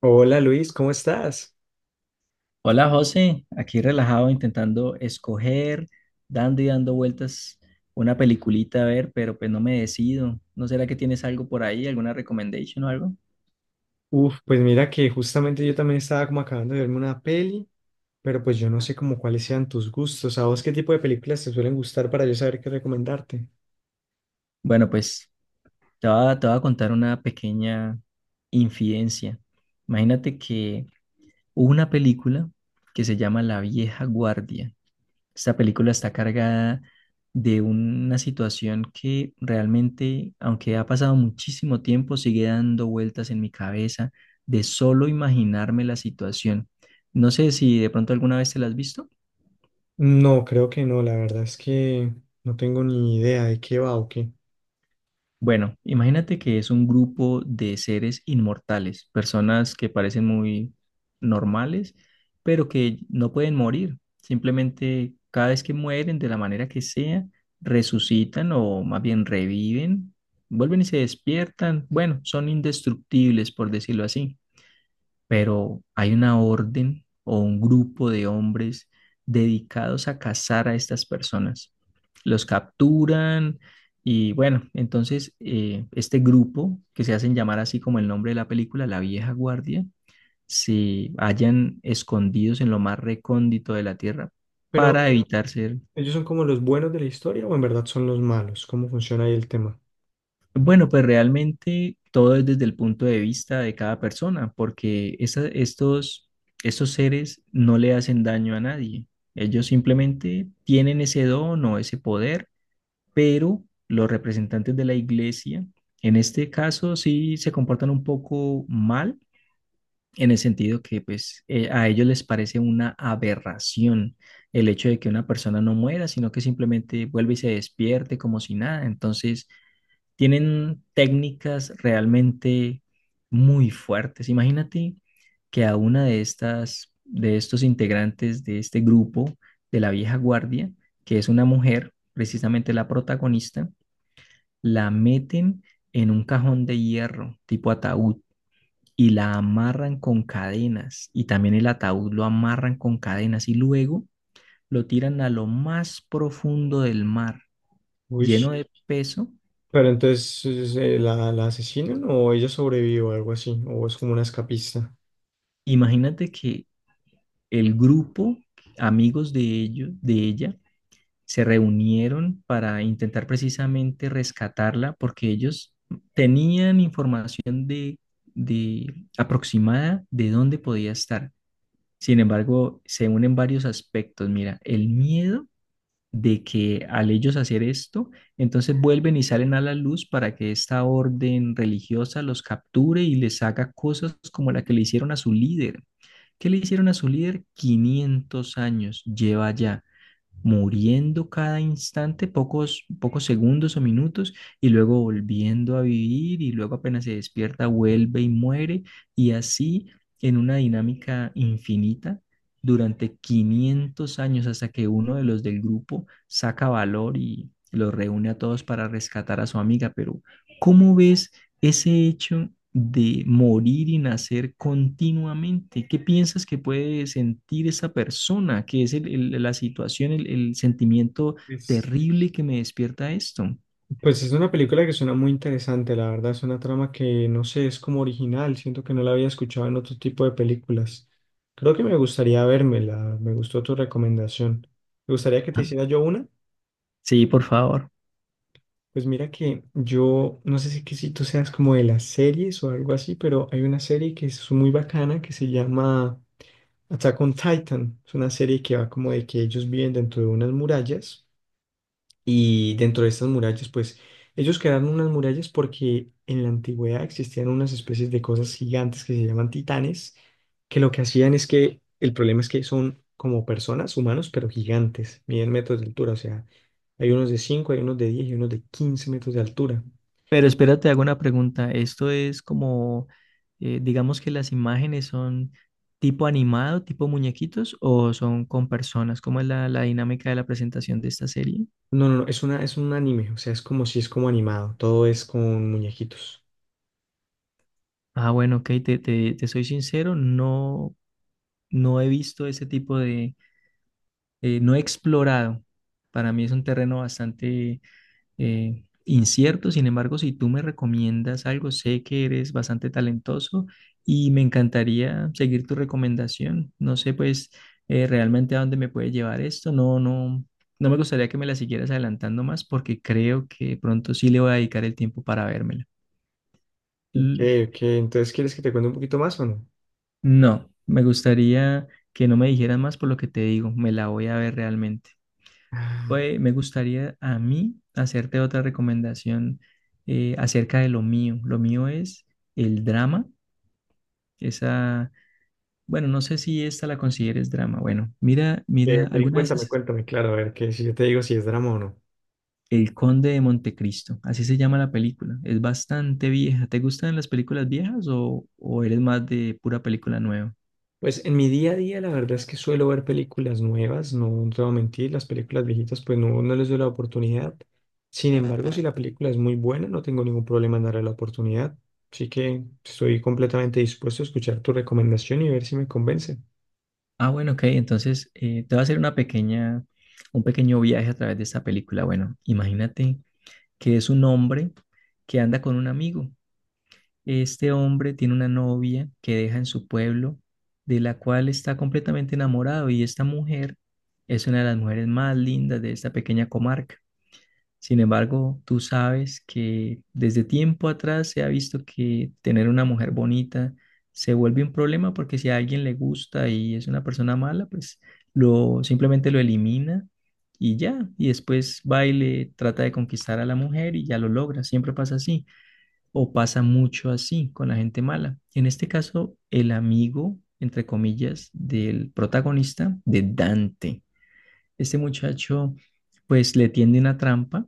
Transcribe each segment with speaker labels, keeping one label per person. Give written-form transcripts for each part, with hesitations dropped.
Speaker 1: Hola Luis, ¿cómo estás?
Speaker 2: Hola José, aquí relajado intentando escoger, dando y dando vueltas una peliculita a ver, pero pues no me decido. ¿No será que tienes algo por ahí, alguna recommendation o algo?
Speaker 1: Uf, pues mira que justamente yo también estaba como acabando de verme una peli, pero pues yo no sé como cuáles sean tus gustos. ¿A vos qué tipo de películas te suelen gustar para yo saber qué recomendarte?
Speaker 2: Bueno, pues te voy a contar una pequeña infidencia. Imagínate que hubo una película que se llama La Vieja Guardia. Esta película está cargada de una situación que realmente, aunque ha pasado muchísimo tiempo, sigue dando vueltas en mi cabeza de solo imaginarme la situación. No sé si de pronto alguna vez te la has visto.
Speaker 1: No, creo que no, la verdad es que no tengo ni idea de qué va o qué.
Speaker 2: Bueno, imagínate que es un grupo de seres inmortales, personas que parecen muy normales, pero que no pueden morir. Simplemente cada vez que mueren, de la manera que sea, resucitan o más bien reviven, vuelven y se despiertan. Bueno, son indestructibles, por decirlo así, pero hay una orden o un grupo de hombres dedicados a cazar a estas personas. Los capturan y bueno, entonces este grupo, que se hacen llamar así como el nombre de la película, La Vieja Guardia, se hallan escondidos en lo más recóndito de la tierra
Speaker 1: Pero,
Speaker 2: para evitar ser.
Speaker 1: ¿ellos son como los buenos de la historia o en verdad son los malos? ¿Cómo funciona ahí el tema?
Speaker 2: Bueno, pues realmente todo es desde el punto de vista de cada persona, porque estos seres no le hacen daño a nadie. Ellos simplemente tienen ese don o ese poder, pero los representantes de la iglesia, en este caso, sí se comportan un poco mal, en el sentido que pues a ellos les parece una aberración el hecho de que una persona no muera, sino que simplemente vuelve y se despierte como si nada. Entonces tienen técnicas realmente muy fuertes. Imagínate que a de estos integrantes de este grupo de la vieja guardia, que es una mujer, precisamente la protagonista, la meten en un cajón de hierro tipo ataúd y la amarran con cadenas y también el ataúd lo amarran con cadenas y luego lo tiran a lo más profundo del mar,
Speaker 1: Uy,
Speaker 2: lleno de peso.
Speaker 1: pero entonces, ¿la asesinan o ella sobrevive o algo así? ¿O es como una escapista?
Speaker 2: Imagínate que el grupo, amigos de ellos, de ella, se reunieron para intentar precisamente rescatarla porque ellos tenían información de aproximada de dónde podía estar. Sin embargo, se unen varios aspectos. Mira, el miedo de que al ellos hacer esto, entonces vuelven y salen a la luz para que esta orden religiosa los capture y les haga cosas como la que le hicieron a su líder. ¿Qué le hicieron a su líder? 500 años lleva ya muriendo cada instante, pocos segundos o minutos, y luego volviendo a vivir, y luego apenas se despierta, vuelve y muere, y así en una dinámica infinita durante 500 años hasta que uno de los del grupo saca valor y los reúne a todos para rescatar a su amiga. Pero, ¿cómo ves ese hecho de morir y nacer continuamente? ¿Qué piensas que puede sentir esa persona? ¿Qué es la situación, el sentimiento terrible que me despierta esto?
Speaker 1: Pues es una película que suena muy interesante, la verdad, es una trama que no sé, es como original, siento que no la había escuchado en otro tipo de películas. Creo que me gustaría vérmela, me gustó tu recomendación. Me gustaría que te
Speaker 2: Ah,
Speaker 1: hiciera yo una.
Speaker 2: sí, por favor.
Speaker 1: Pues mira que yo, no sé si, que si tú seas como de las series o algo así, pero hay una serie que es muy bacana que se llama Attack on Titan. Es una serie que va como de que ellos viven dentro de unas murallas. Y dentro de estas murallas, pues ellos crearon unas murallas porque en la antigüedad existían unas especies de cosas gigantes que se llaman titanes, que lo que hacían es que el problema es que son como personas, humanos, pero gigantes, miden metros de altura, o sea, hay unos de 5, hay unos de 10 y unos de 15 metros de altura.
Speaker 2: Pero espérate, hago una pregunta. Esto es como, digamos que las imágenes son tipo animado, tipo muñequitos, o son con personas. ¿Cómo es la dinámica de la presentación de esta serie?
Speaker 1: No, no, no, es un anime, o sea, es como si es como animado, todo es con muñequitos.
Speaker 2: Ah, bueno, ok, te soy sincero. No, no he visto ese tipo de, no he explorado. Para mí es un terreno bastante incierto. Sin embargo, si tú me recomiendas algo, sé que eres bastante talentoso y me encantaría seguir tu recomendación. No sé, pues, realmente a dónde me puede llevar esto. No, no, no me gustaría que me la siguieras adelantando más porque creo que pronto sí le voy a dedicar el tiempo para vérmela.
Speaker 1: Ok,
Speaker 2: L-
Speaker 1: ok, entonces ¿quieres que te cuente un poquito más o no?
Speaker 2: No, me gustaría que no me dijeras más por lo que te digo. Me la voy a ver realmente.
Speaker 1: Ah,
Speaker 2: Pues
Speaker 1: ok,
Speaker 2: me gustaría a mí hacerte otra recomendación acerca de lo mío. Lo mío es el drama. Esa, bueno, no sé si esta la consideres drama. Bueno, mira, mira,
Speaker 1: ok,
Speaker 2: alguna vez
Speaker 1: cuéntame,
Speaker 2: es...
Speaker 1: cuéntame, claro, a ver, que si yo te digo si es drama o no.
Speaker 2: El Conde de Montecristo, así se llama la película. Es bastante vieja. ¿Te gustan las películas viejas o eres más de pura película nueva?
Speaker 1: Pues en mi día a día la verdad es que suelo ver películas nuevas, no, no te voy a mentir, las películas viejitas pues no, no les doy la oportunidad. Sin embargo, si la película es muy buena, no tengo ningún problema en darle la oportunidad. Así que estoy completamente dispuesto a escuchar tu recomendación y ver si me convence.
Speaker 2: Ah, bueno, ok. Entonces te voy a hacer un pequeño viaje a través de esta película. Bueno, imagínate que es un hombre que anda con un amigo. Este hombre tiene una novia que deja en su pueblo, de la cual está completamente enamorado, y esta mujer es una de las mujeres más lindas de esta pequeña comarca. Sin embargo, tú sabes que desde tiempo atrás se ha visto que tener una mujer bonita se vuelve un problema porque si a alguien le gusta y es una persona mala, pues lo simplemente lo elimina y ya, y después va y le trata de conquistar a la mujer y ya lo logra, siempre pasa así o pasa mucho así con la gente mala. En este caso, el amigo, entre comillas, del protagonista de Dante. Este muchacho, pues le tiende una trampa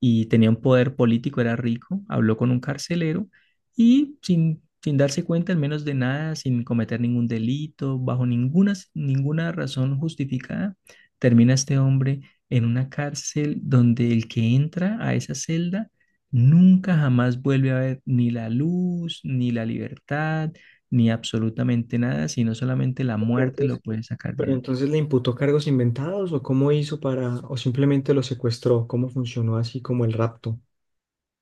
Speaker 2: y tenía un poder político, era rico, habló con un carcelero y sin darse cuenta, al menos de nada, sin cometer ningún delito, bajo ninguna razón justificada, termina este hombre en una cárcel donde el que entra a esa celda nunca jamás vuelve a ver ni la luz, ni la libertad, ni absolutamente nada, sino solamente la
Speaker 1: Pero
Speaker 2: muerte lo
Speaker 1: entonces,
Speaker 2: puede sacar de
Speaker 1: pero
Speaker 2: ahí.
Speaker 1: entonces le imputó cargos inventados o cómo hizo para, o simplemente lo secuestró, cómo funcionó así como el rapto.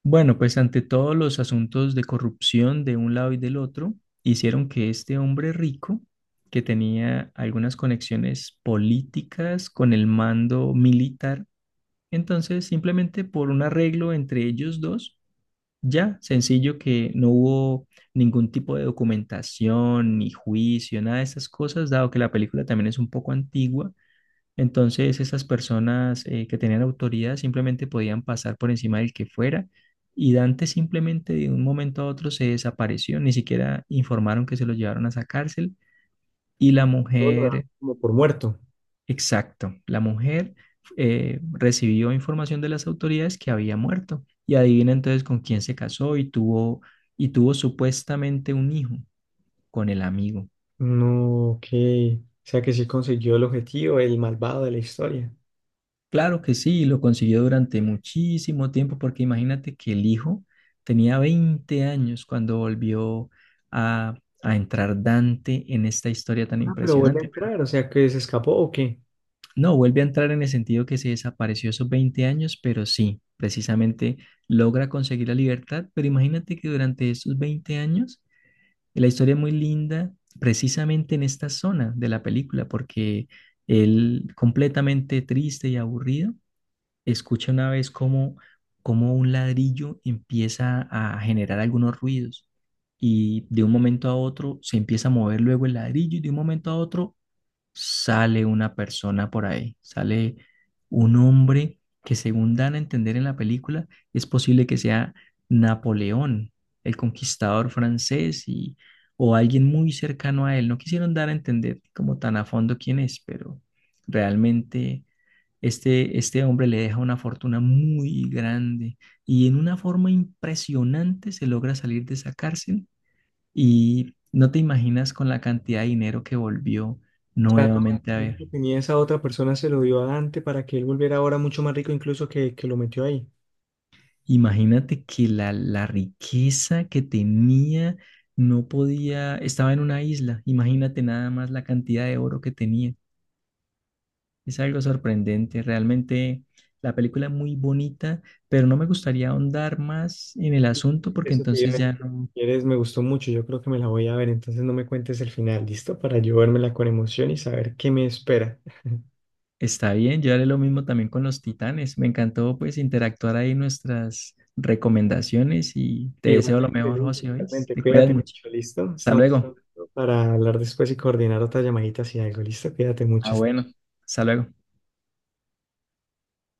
Speaker 2: Bueno, pues ante todos los asuntos de corrupción de un lado y del otro, hicieron que este hombre rico, que tenía algunas conexiones políticas con el mando militar, entonces simplemente por un arreglo entre ellos dos, ya sencillo que no hubo ningún tipo de documentación, ni juicio, nada de esas cosas, dado que la película también es un poco antigua. Entonces, esas personas que tenían autoridad simplemente podían pasar por encima del que fuera, y Dante simplemente de un momento a otro se desapareció, ni siquiera informaron que se lo llevaron a esa cárcel, y la
Speaker 1: Todo lo da
Speaker 2: mujer,
Speaker 1: como por muerto.
Speaker 2: exacto, la mujer recibió información de las autoridades que había muerto, y adivina entonces con quién se casó y tuvo supuestamente un hijo con el amigo.
Speaker 1: No, ok. O sea que sí consiguió el objetivo, el malvado de la historia.
Speaker 2: Claro que sí, lo consiguió durante muchísimo tiempo, porque imagínate que el hijo tenía 20 años cuando volvió a, a entrar Dante en esta historia tan
Speaker 1: Ah, pero vuelve a
Speaker 2: impresionante. Pero
Speaker 1: entrar, o sea, que se escapó o qué.
Speaker 2: no, vuelve a entrar en el sentido que se desapareció esos 20 años, pero sí, precisamente logra conseguir la libertad. Pero imagínate que durante esos 20 años, la historia es muy linda, precisamente en esta zona de la película, porque él completamente triste y aburrido escucha una vez cómo un ladrillo empieza a generar algunos ruidos, y de un momento a otro se empieza a mover luego el ladrillo y de un momento a otro sale una persona por ahí, sale un hombre que según dan a entender en la película es posible que sea Napoleón, el conquistador francés y, o alguien muy cercano a él. No quisieron dar a entender como tan a fondo quién es, pero realmente... Este hombre le deja una fortuna muy grande y en una forma impresionante se logra salir de esa cárcel, y no te imaginas con la cantidad de dinero que volvió
Speaker 1: O sea, todo
Speaker 2: nuevamente a
Speaker 1: el dinero que
Speaker 2: ver.
Speaker 1: tenía esa otra persona se lo dio a Dante para que él volviera ahora mucho más rico incluso que lo metió ahí.
Speaker 2: Imagínate que la riqueza que tenía no podía, estaba en una isla, imagínate nada más la cantidad de oro que tenía. Es algo sorprendente, realmente la película es muy bonita, pero no me gustaría ahondar más en el asunto porque
Speaker 1: Eso te iba
Speaker 2: entonces
Speaker 1: a decir.
Speaker 2: ya
Speaker 1: Si
Speaker 2: no.
Speaker 1: Quieres, me gustó mucho, yo creo que me la voy a ver, entonces no me cuentes el final, ¿listo? Para yo vérmela con emoción y saber qué me espera.
Speaker 2: Está bien, yo haré lo mismo también con los titanes. Me encantó pues interactuar ahí nuestras recomendaciones, y te deseo lo
Speaker 1: Igualmente,
Speaker 2: mejor,
Speaker 1: Luis,
Speaker 2: José, hoy.
Speaker 1: igualmente,
Speaker 2: Te cuidas
Speaker 1: cuídate
Speaker 2: mucho.
Speaker 1: mucho, ¿listo?
Speaker 2: Hasta
Speaker 1: Estamos
Speaker 2: luego.
Speaker 1: hablando para hablar después y coordinar otra llamadita si algo, ¿listo? Cuídate
Speaker 2: Ah,
Speaker 1: mucho.
Speaker 2: bueno. Hasta luego.